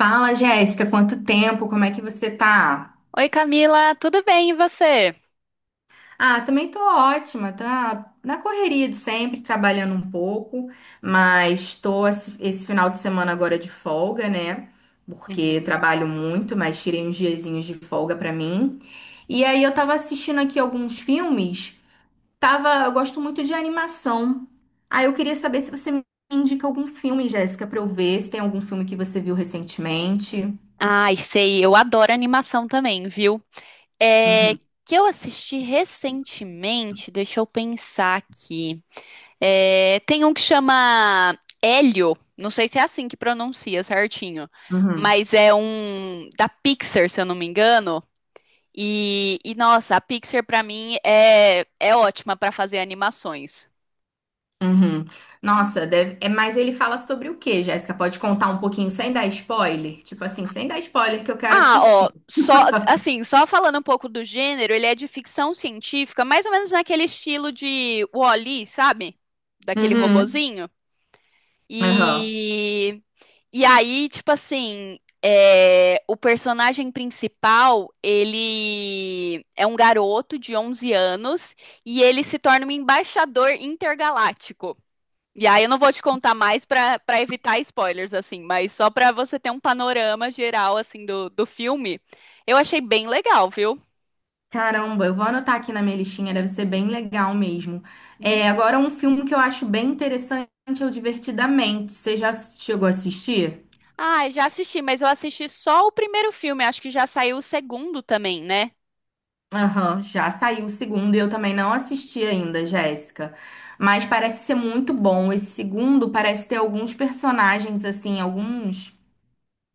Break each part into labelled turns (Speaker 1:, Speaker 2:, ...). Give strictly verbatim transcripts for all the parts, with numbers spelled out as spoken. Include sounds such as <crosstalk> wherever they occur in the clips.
Speaker 1: Fala, Jéssica, quanto tempo? Como é que você tá?
Speaker 2: Oi, Camila, tudo bem e você?
Speaker 1: Ah, também tô ótima, tá na correria de sempre, trabalhando um pouco, mas tô esse esse final de semana agora de folga, né? Porque
Speaker 2: Uhum.
Speaker 1: trabalho muito, mas tirei uns diazinhos de folga pra mim. E aí eu tava assistindo aqui alguns filmes, tava, eu gosto muito de animação. Ah, eu queria saber se você me indica algum filme, Jéssica, pra eu ver, se tem algum filme que você viu recentemente.
Speaker 2: Ai, sei, eu adoro animação também, viu? É
Speaker 1: Uhum,
Speaker 2: que eu assisti recentemente, deixa eu pensar aqui. É, tem um que chama Hélio, não sei se é assim que pronuncia certinho,
Speaker 1: uhum.
Speaker 2: mas é um da Pixar, se eu não me engano. E, e, nossa, a Pixar pra mim é, é ótima pra fazer animações.
Speaker 1: Uhum. Nossa, deve... é, mas ele fala sobre o quê, Jéssica? Pode contar um pouquinho sem dar spoiler? Tipo assim, sem dar spoiler que eu quero
Speaker 2: Ah, ó,
Speaker 1: assistir.
Speaker 2: só assim, só falando um pouco do gênero, ele é de ficção científica, mais ou menos naquele estilo de Wall-E, sabe? Daquele
Speaker 1: Uhum.
Speaker 2: robozinho.
Speaker 1: Aham.
Speaker 2: E e aí, tipo assim, é, o personagem principal, ele é um garoto de onze anos e ele se torna um embaixador intergaláctico. E aí eu não vou te contar mais pra para evitar spoilers, assim, mas só pra você ter um panorama geral, assim, do, do filme, eu achei bem legal, viu?
Speaker 1: Caramba, eu vou anotar aqui na minha listinha, deve ser bem legal mesmo. É,
Speaker 2: Uhum.
Speaker 1: agora um filme que eu acho bem interessante é o Divertidamente. Você já chegou a assistir?
Speaker 2: Ah, já assisti, mas eu assisti só o primeiro filme, acho que já saiu o segundo também, né?
Speaker 1: Aham, já saiu o segundo e eu também não assisti ainda, Jéssica. Mas parece ser muito bom. Esse segundo parece ter alguns personagens, assim, alguns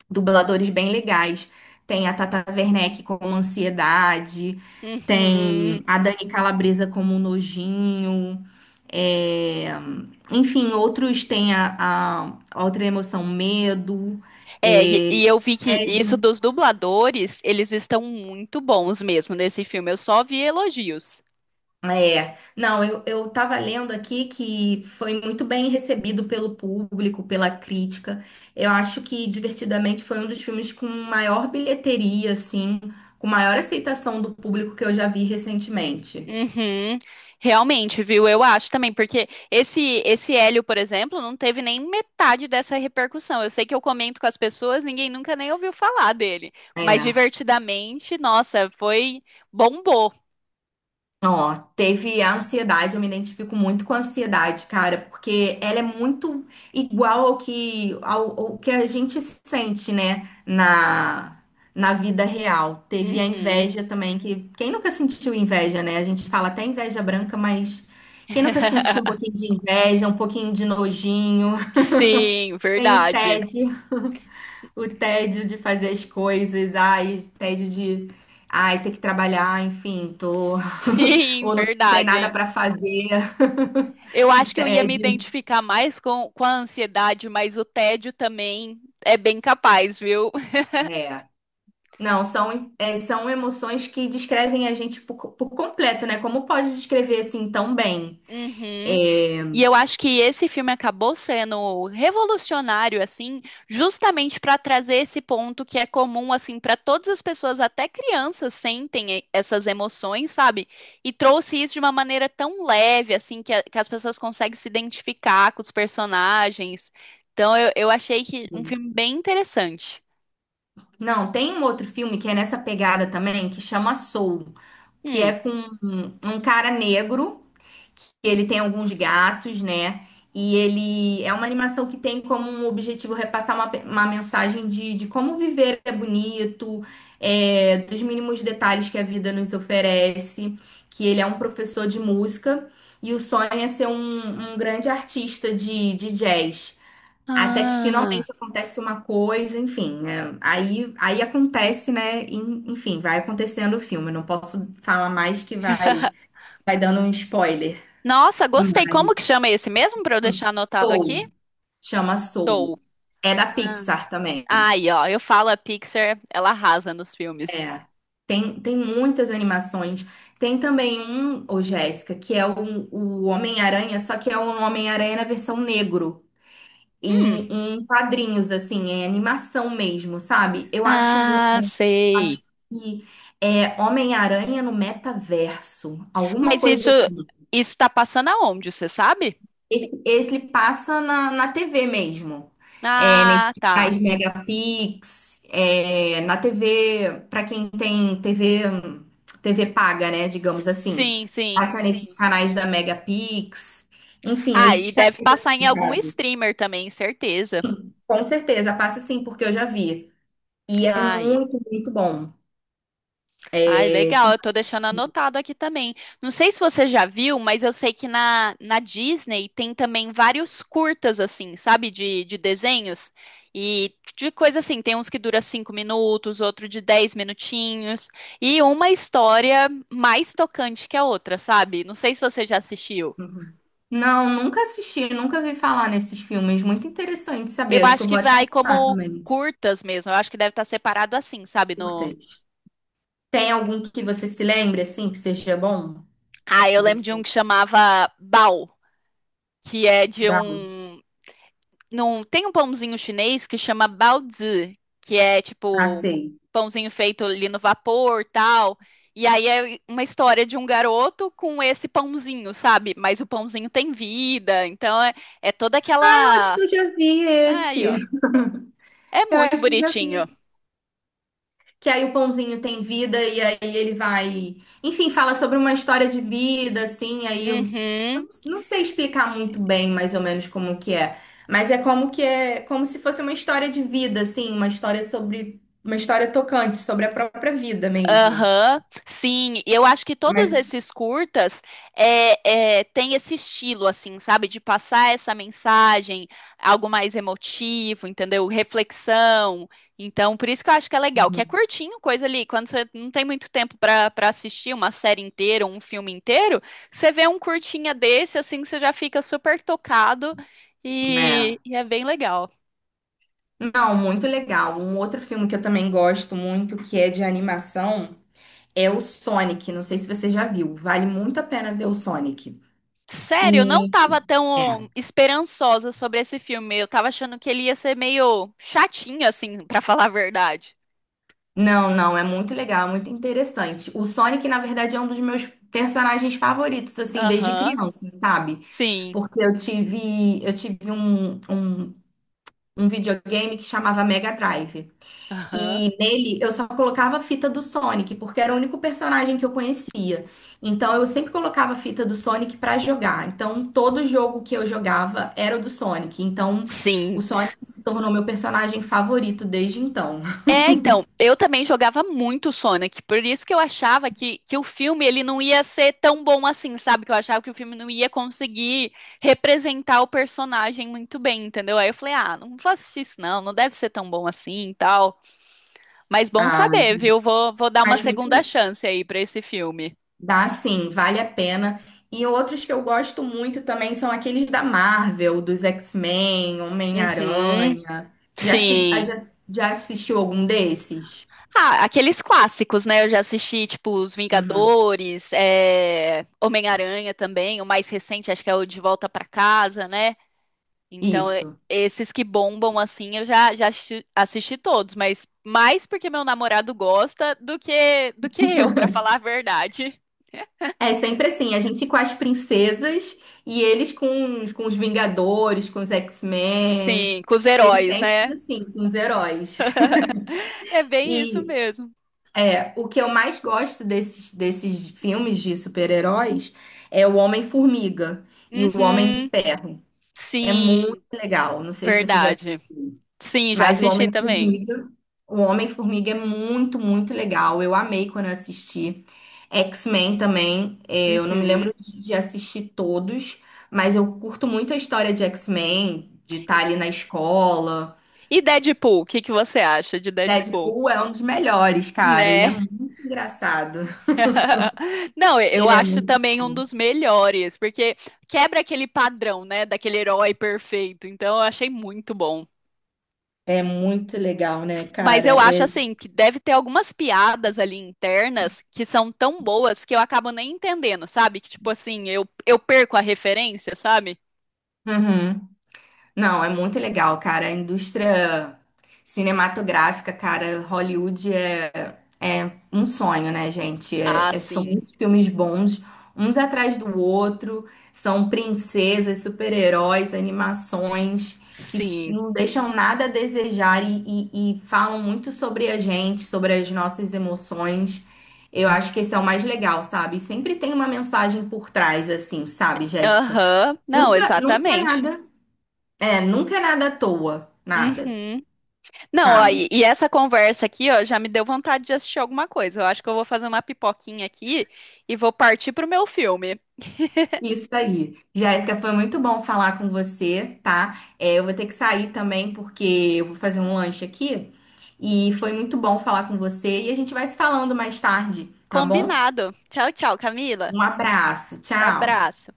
Speaker 1: dubladores bem legais. Tem a Tata Werneck como Ansiedade, tem
Speaker 2: Uhum.
Speaker 1: a Dani Calabresa como Nojinho, é, enfim, outros tem a, a- a outra emoção, Medo,
Speaker 2: É, e,
Speaker 1: é,
Speaker 2: e eu vi que isso
Speaker 1: Tédio.
Speaker 2: dos dubladores, eles estão muito bons mesmo nesse filme, eu só vi elogios.
Speaker 1: É, não, eu, eu tava lendo aqui que foi muito bem recebido pelo público, pela crítica. Eu acho que Divertidamente foi um dos filmes com maior bilheteria, assim, com maior aceitação do público que eu já vi recentemente.
Speaker 2: Uhum. Realmente, viu? Eu acho também, porque esse esse Hélio, por exemplo, não teve nem metade dessa repercussão. Eu sei que eu comento com as pessoas, ninguém nunca nem ouviu falar dele, mas
Speaker 1: É.
Speaker 2: divertidamente, nossa, foi bombou.
Speaker 1: Então, ó, teve a ansiedade, eu me identifico muito com a ansiedade, cara, porque ela é muito igual ao que, ao, ao que a gente sente, né, na, na vida real. Teve a
Speaker 2: Uhum.
Speaker 1: inveja também, que quem nunca sentiu inveja, né? A gente fala até inveja branca, mas quem nunca sentiu um
Speaker 2: <laughs>
Speaker 1: pouquinho de inveja, um pouquinho de nojinho?
Speaker 2: Sim,
Speaker 1: Tem o
Speaker 2: verdade.
Speaker 1: tédio. O tédio de fazer as coisas, ai, tédio de, ai, ter que trabalhar, enfim, tô <laughs>
Speaker 2: Sim,
Speaker 1: ou não tem
Speaker 2: verdade,
Speaker 1: nada
Speaker 2: hein?
Speaker 1: para fazer.
Speaker 2: Eu
Speaker 1: <laughs> Que
Speaker 2: acho que eu ia me
Speaker 1: tédio.
Speaker 2: identificar mais com, com a ansiedade, mas o tédio também é bem capaz, viu? <laughs>
Speaker 1: É. Não, são, é, são emoções que descrevem a gente por, por completo, né? Como pode descrever assim tão bem?
Speaker 2: Uhum.
Speaker 1: É,
Speaker 2: E eu acho que esse filme acabou sendo revolucionário, assim, justamente para trazer esse ponto que é comum, assim, para todas as pessoas, até crianças sentem e- essas emoções, sabe? E trouxe isso de uma maneira tão leve, assim, que, a- que as pessoas conseguem se identificar com os personagens. Então, eu, eu achei que um filme bem interessante.
Speaker 1: Não, tem um outro filme que é nessa pegada também, que chama Soul, que é
Speaker 2: Hum.
Speaker 1: com um, um cara negro. Ele tem alguns gatos, né? E ele é uma animação que tem como um objetivo repassar uma, pe- uma mensagem de, de como viver é bonito, é, dos mínimos detalhes que a vida nos oferece, que ele é um professor de música e o sonho é ser um, um grande artista de, de jazz. Até que
Speaker 2: Ah.
Speaker 1: finalmente acontece uma coisa, enfim, né? Aí, aí acontece, né? Em- Enfim, vai acontecendo o filme. Não posso falar mais que vai,
Speaker 2: <laughs>
Speaker 1: vai dando um spoiler.
Speaker 2: Nossa, gostei. Como que
Speaker 1: Mas
Speaker 2: chama esse mesmo para eu deixar anotado aqui?
Speaker 1: Soul, chama Soul.
Speaker 2: Soul.
Speaker 1: É da Pixar também.
Speaker 2: Ai ó, eu falo, a Pixar, ela arrasa nos filmes.
Speaker 1: É. Tem, tem muitas animações. Tem também um, ô Jéssica, que é o, o Homem-Aranha, só que é um Homem-Aranha na versão negro.
Speaker 2: Hum,
Speaker 1: E em quadrinhos, assim, é animação mesmo, sabe? Eu acho, mu-
Speaker 2: ah,
Speaker 1: eu acho
Speaker 2: sei.
Speaker 1: que é Homem-Aranha no metaverso, alguma
Speaker 2: Mas
Speaker 1: coisa
Speaker 2: isso,
Speaker 1: assim.
Speaker 2: isso tá passando aonde, você sabe?
Speaker 1: Esse, esse ele passa na, na T V mesmo. É, nesses
Speaker 2: Ah,
Speaker 1: canais
Speaker 2: tá.
Speaker 1: Megapix, é, na T V, para quem tem T V, hum, T V paga, né, digamos assim.
Speaker 2: Sim, sim,
Speaker 1: Passa nesses
Speaker 2: sim.
Speaker 1: canais da Megapix. Enfim,
Speaker 2: Ah, e
Speaker 1: esses
Speaker 2: deve
Speaker 1: canais
Speaker 2: passar em
Speaker 1: assim,
Speaker 2: algum
Speaker 1: sabe?
Speaker 2: streamer também, certeza.
Speaker 1: Com certeza, passa sim, porque eu já vi. E é
Speaker 2: Ai,
Speaker 1: muito, muito bom.
Speaker 2: ai,
Speaker 1: É,
Speaker 2: legal,
Speaker 1: que-
Speaker 2: eu tô deixando anotado aqui também. Não sei se você já viu, mas eu sei que na, na Disney tem também vários curtas, assim, sabe, de, de desenhos e de coisa assim. Tem uns que dura cinco minutos, outro de dez minutinhos, e uma história mais tocante que a outra, sabe? Não sei se você já assistiu.
Speaker 1: Uhum. Não, nunca assisti, nunca vi falar nesses filmes. Muito interessante
Speaker 2: Eu
Speaker 1: saber. Acho que
Speaker 2: acho
Speaker 1: eu
Speaker 2: que
Speaker 1: vou até
Speaker 2: vai
Speaker 1: anotar
Speaker 2: como
Speaker 1: também.
Speaker 2: curtas mesmo, eu acho que deve estar separado assim, sabe? No...
Speaker 1: Importante. Tem algum que você se lembre, assim, que seja bom?
Speaker 2: Ah, eu
Speaker 1: Que
Speaker 2: lembro de um
Speaker 1: você
Speaker 2: que chamava Bao, que é de
Speaker 1: dá?
Speaker 2: um. Num, tem um pãozinho chinês que chama baozi, que é
Speaker 1: Ah,
Speaker 2: tipo
Speaker 1: sei.
Speaker 2: pãozinho feito ali no vapor, tal. E aí é uma história de um garoto com esse pãozinho, sabe? Mas o pãozinho tem vida, então é, é toda
Speaker 1: Eu acho que
Speaker 2: aquela.
Speaker 1: eu já vi
Speaker 2: Aí,
Speaker 1: esse.
Speaker 2: ó.
Speaker 1: <laughs>
Speaker 2: É
Speaker 1: Eu
Speaker 2: muito
Speaker 1: acho que eu já
Speaker 2: bonitinho.
Speaker 1: vi que aí o pãozinho tem vida e aí ele vai. Enfim, fala sobre uma história de vida, assim. Aí eu eu
Speaker 2: Uhum.
Speaker 1: não não sei explicar muito bem, mais ou menos, como que é. Mas é como que é. Como se fosse uma história de vida, assim. Uma história sobre. Uma história tocante, sobre a própria vida mesmo.
Speaker 2: Aham, sim, e eu acho que todos
Speaker 1: Mas.
Speaker 2: esses curtas é, é, têm esse estilo, assim, sabe, de passar essa mensagem, algo mais emotivo, entendeu? Reflexão. Então, por isso que eu acho que é legal, que é
Speaker 1: Uhum.
Speaker 2: curtinho, coisa ali, quando você não tem muito tempo para para assistir uma série inteira, um filme inteiro, você vê um curtinha desse, assim, você já fica super tocado
Speaker 1: É.
Speaker 2: e, e é bem legal.
Speaker 1: Não, muito legal. Um outro filme que eu também gosto muito, que é de animação, é o Sonic. Não sei se você já viu. Vale muito a pena ver o Sonic.
Speaker 2: Sério, eu não
Speaker 1: E.
Speaker 2: tava
Speaker 1: É.
Speaker 2: tão esperançosa sobre esse filme. Eu tava achando que ele ia ser meio chatinho, assim, <laughs> pra falar a verdade.
Speaker 1: Não, não, é muito legal, é muito interessante. O Sonic, na verdade, é um dos meus personagens favoritos, assim, desde
Speaker 2: Aham,
Speaker 1: criança, sabe?
Speaker 2: sim.
Speaker 1: Porque eu tive, eu tive um, um, um videogame que chamava Mega Drive.
Speaker 2: Aham.
Speaker 1: E nele eu só colocava a fita do Sonic, porque era o único personagem que eu conhecia. Então eu sempre colocava a fita do Sonic pra jogar. Então todo jogo que eu jogava era o do Sonic. Então o
Speaker 2: Sim.
Speaker 1: Sonic se tornou meu personagem favorito desde então.
Speaker 2: É, então, eu também jogava muito Sonic, por isso que eu achava que, que o filme ele não ia ser tão bom assim, sabe? Que eu achava que o filme não ia conseguir representar o personagem muito bem, entendeu? Aí eu falei, ah, não vou assistir isso não, não deve ser tão bom assim e tal. Mas bom
Speaker 1: Ah,
Speaker 2: saber, viu? Vou, vou dar uma
Speaker 1: mas muito.
Speaker 2: segunda chance aí pra esse filme.
Speaker 1: Dá sim, vale a pena. E outros que eu gosto muito também são aqueles da Marvel, dos X-Men,
Speaker 2: Uhum,
Speaker 1: Homem-Aranha. Você Já, se- ah, já,
Speaker 2: sim.
Speaker 1: já assistiu algum desses?
Speaker 2: Ah, aqueles clássicos, né? Eu já assisti, tipo, Os
Speaker 1: Uhum.
Speaker 2: Vingadores, é, Homem-Aranha também, o mais recente, acho que é o De Volta pra Casa, né? Então, é-
Speaker 1: Isso.
Speaker 2: esses que bombam assim, eu já, já assisti assisti todos, mas mais porque meu namorado gosta do que do que eu, pra falar a verdade.
Speaker 1: É sempre assim, a gente com as princesas e eles com, os- com os Vingadores, com os X-Men.
Speaker 2: Sim, com os
Speaker 1: Eles
Speaker 2: heróis,
Speaker 1: sempre
Speaker 2: né?
Speaker 1: assim, com os heróis.
Speaker 2: É bem isso
Speaker 1: E
Speaker 2: mesmo.
Speaker 1: é, o que eu mais gosto desses, desses filmes de super-heróis é o Homem-Formiga e o Homem de
Speaker 2: Uhum,
Speaker 1: Ferro. É muito
Speaker 2: sim.
Speaker 1: legal. Não sei se você já
Speaker 2: Verdade.
Speaker 1: assistiu,
Speaker 2: Sim, já
Speaker 1: mas o
Speaker 2: assisti também.
Speaker 1: Homem-Formiga, o Homem-Formiga é muito, muito legal. Eu amei quando eu assisti. X-Men também, eh, eu não me
Speaker 2: Uhum.
Speaker 1: lembro de de assistir todos, mas eu curto muito a história de X-Men, de estar ali na escola.
Speaker 2: E Deadpool, o que que você acha de Deadpool?
Speaker 1: Deadpool é um dos melhores, cara. Ele é
Speaker 2: Né?
Speaker 1: muito engraçado.
Speaker 2: <laughs> Não, eu
Speaker 1: Ele é,
Speaker 2: acho
Speaker 1: mu-
Speaker 2: também um dos melhores, porque quebra aquele padrão, né, daquele herói perfeito. Então eu achei muito bom.
Speaker 1: é muito legal, né,
Speaker 2: Mas
Speaker 1: cara?
Speaker 2: eu acho
Speaker 1: É...
Speaker 2: assim que deve ter algumas piadas ali internas que são tão boas que eu acabo nem entendendo, sabe? Que tipo assim, eu, eu perco a referência, sabe?
Speaker 1: Uhum. Não, é muito legal, cara. A indústria cinematográfica, cara, Hollywood é, é um sonho, né, gente? É-
Speaker 2: Ah,
Speaker 1: é- são
Speaker 2: sim.
Speaker 1: muitos filmes bons, uns atrás do outro. São princesas, super-heróis, animações que s-
Speaker 2: Sim.
Speaker 1: não deixam nada a desejar e, e- e falam muito sobre a gente, sobre as nossas emoções. Eu acho que esse é o mais legal, sabe? Sempre tem uma mensagem por trás, assim, sabe, Jéssica?
Speaker 2: Aham. Não,
Speaker 1: Nunca, nunca é
Speaker 2: exatamente.
Speaker 1: nada. É, nunca é nada à toa, nada,
Speaker 2: Uhum. Não, ó, e,
Speaker 1: sabe?
Speaker 2: e essa conversa aqui, ó, já me deu vontade de assistir alguma coisa. Eu acho que eu vou fazer uma pipoquinha aqui e vou partir pro meu filme. <laughs>
Speaker 1: Isso aí. Jéssica, foi muito bom falar com você, tá? É, eu vou ter que sair também porque eu vou fazer um lanche aqui. E foi muito bom falar com você e a gente vai se falando mais tarde, tá bom?
Speaker 2: Combinado. Tchau, tchau, Camila.
Speaker 1: Um abraço, tchau.
Speaker 2: Abraço.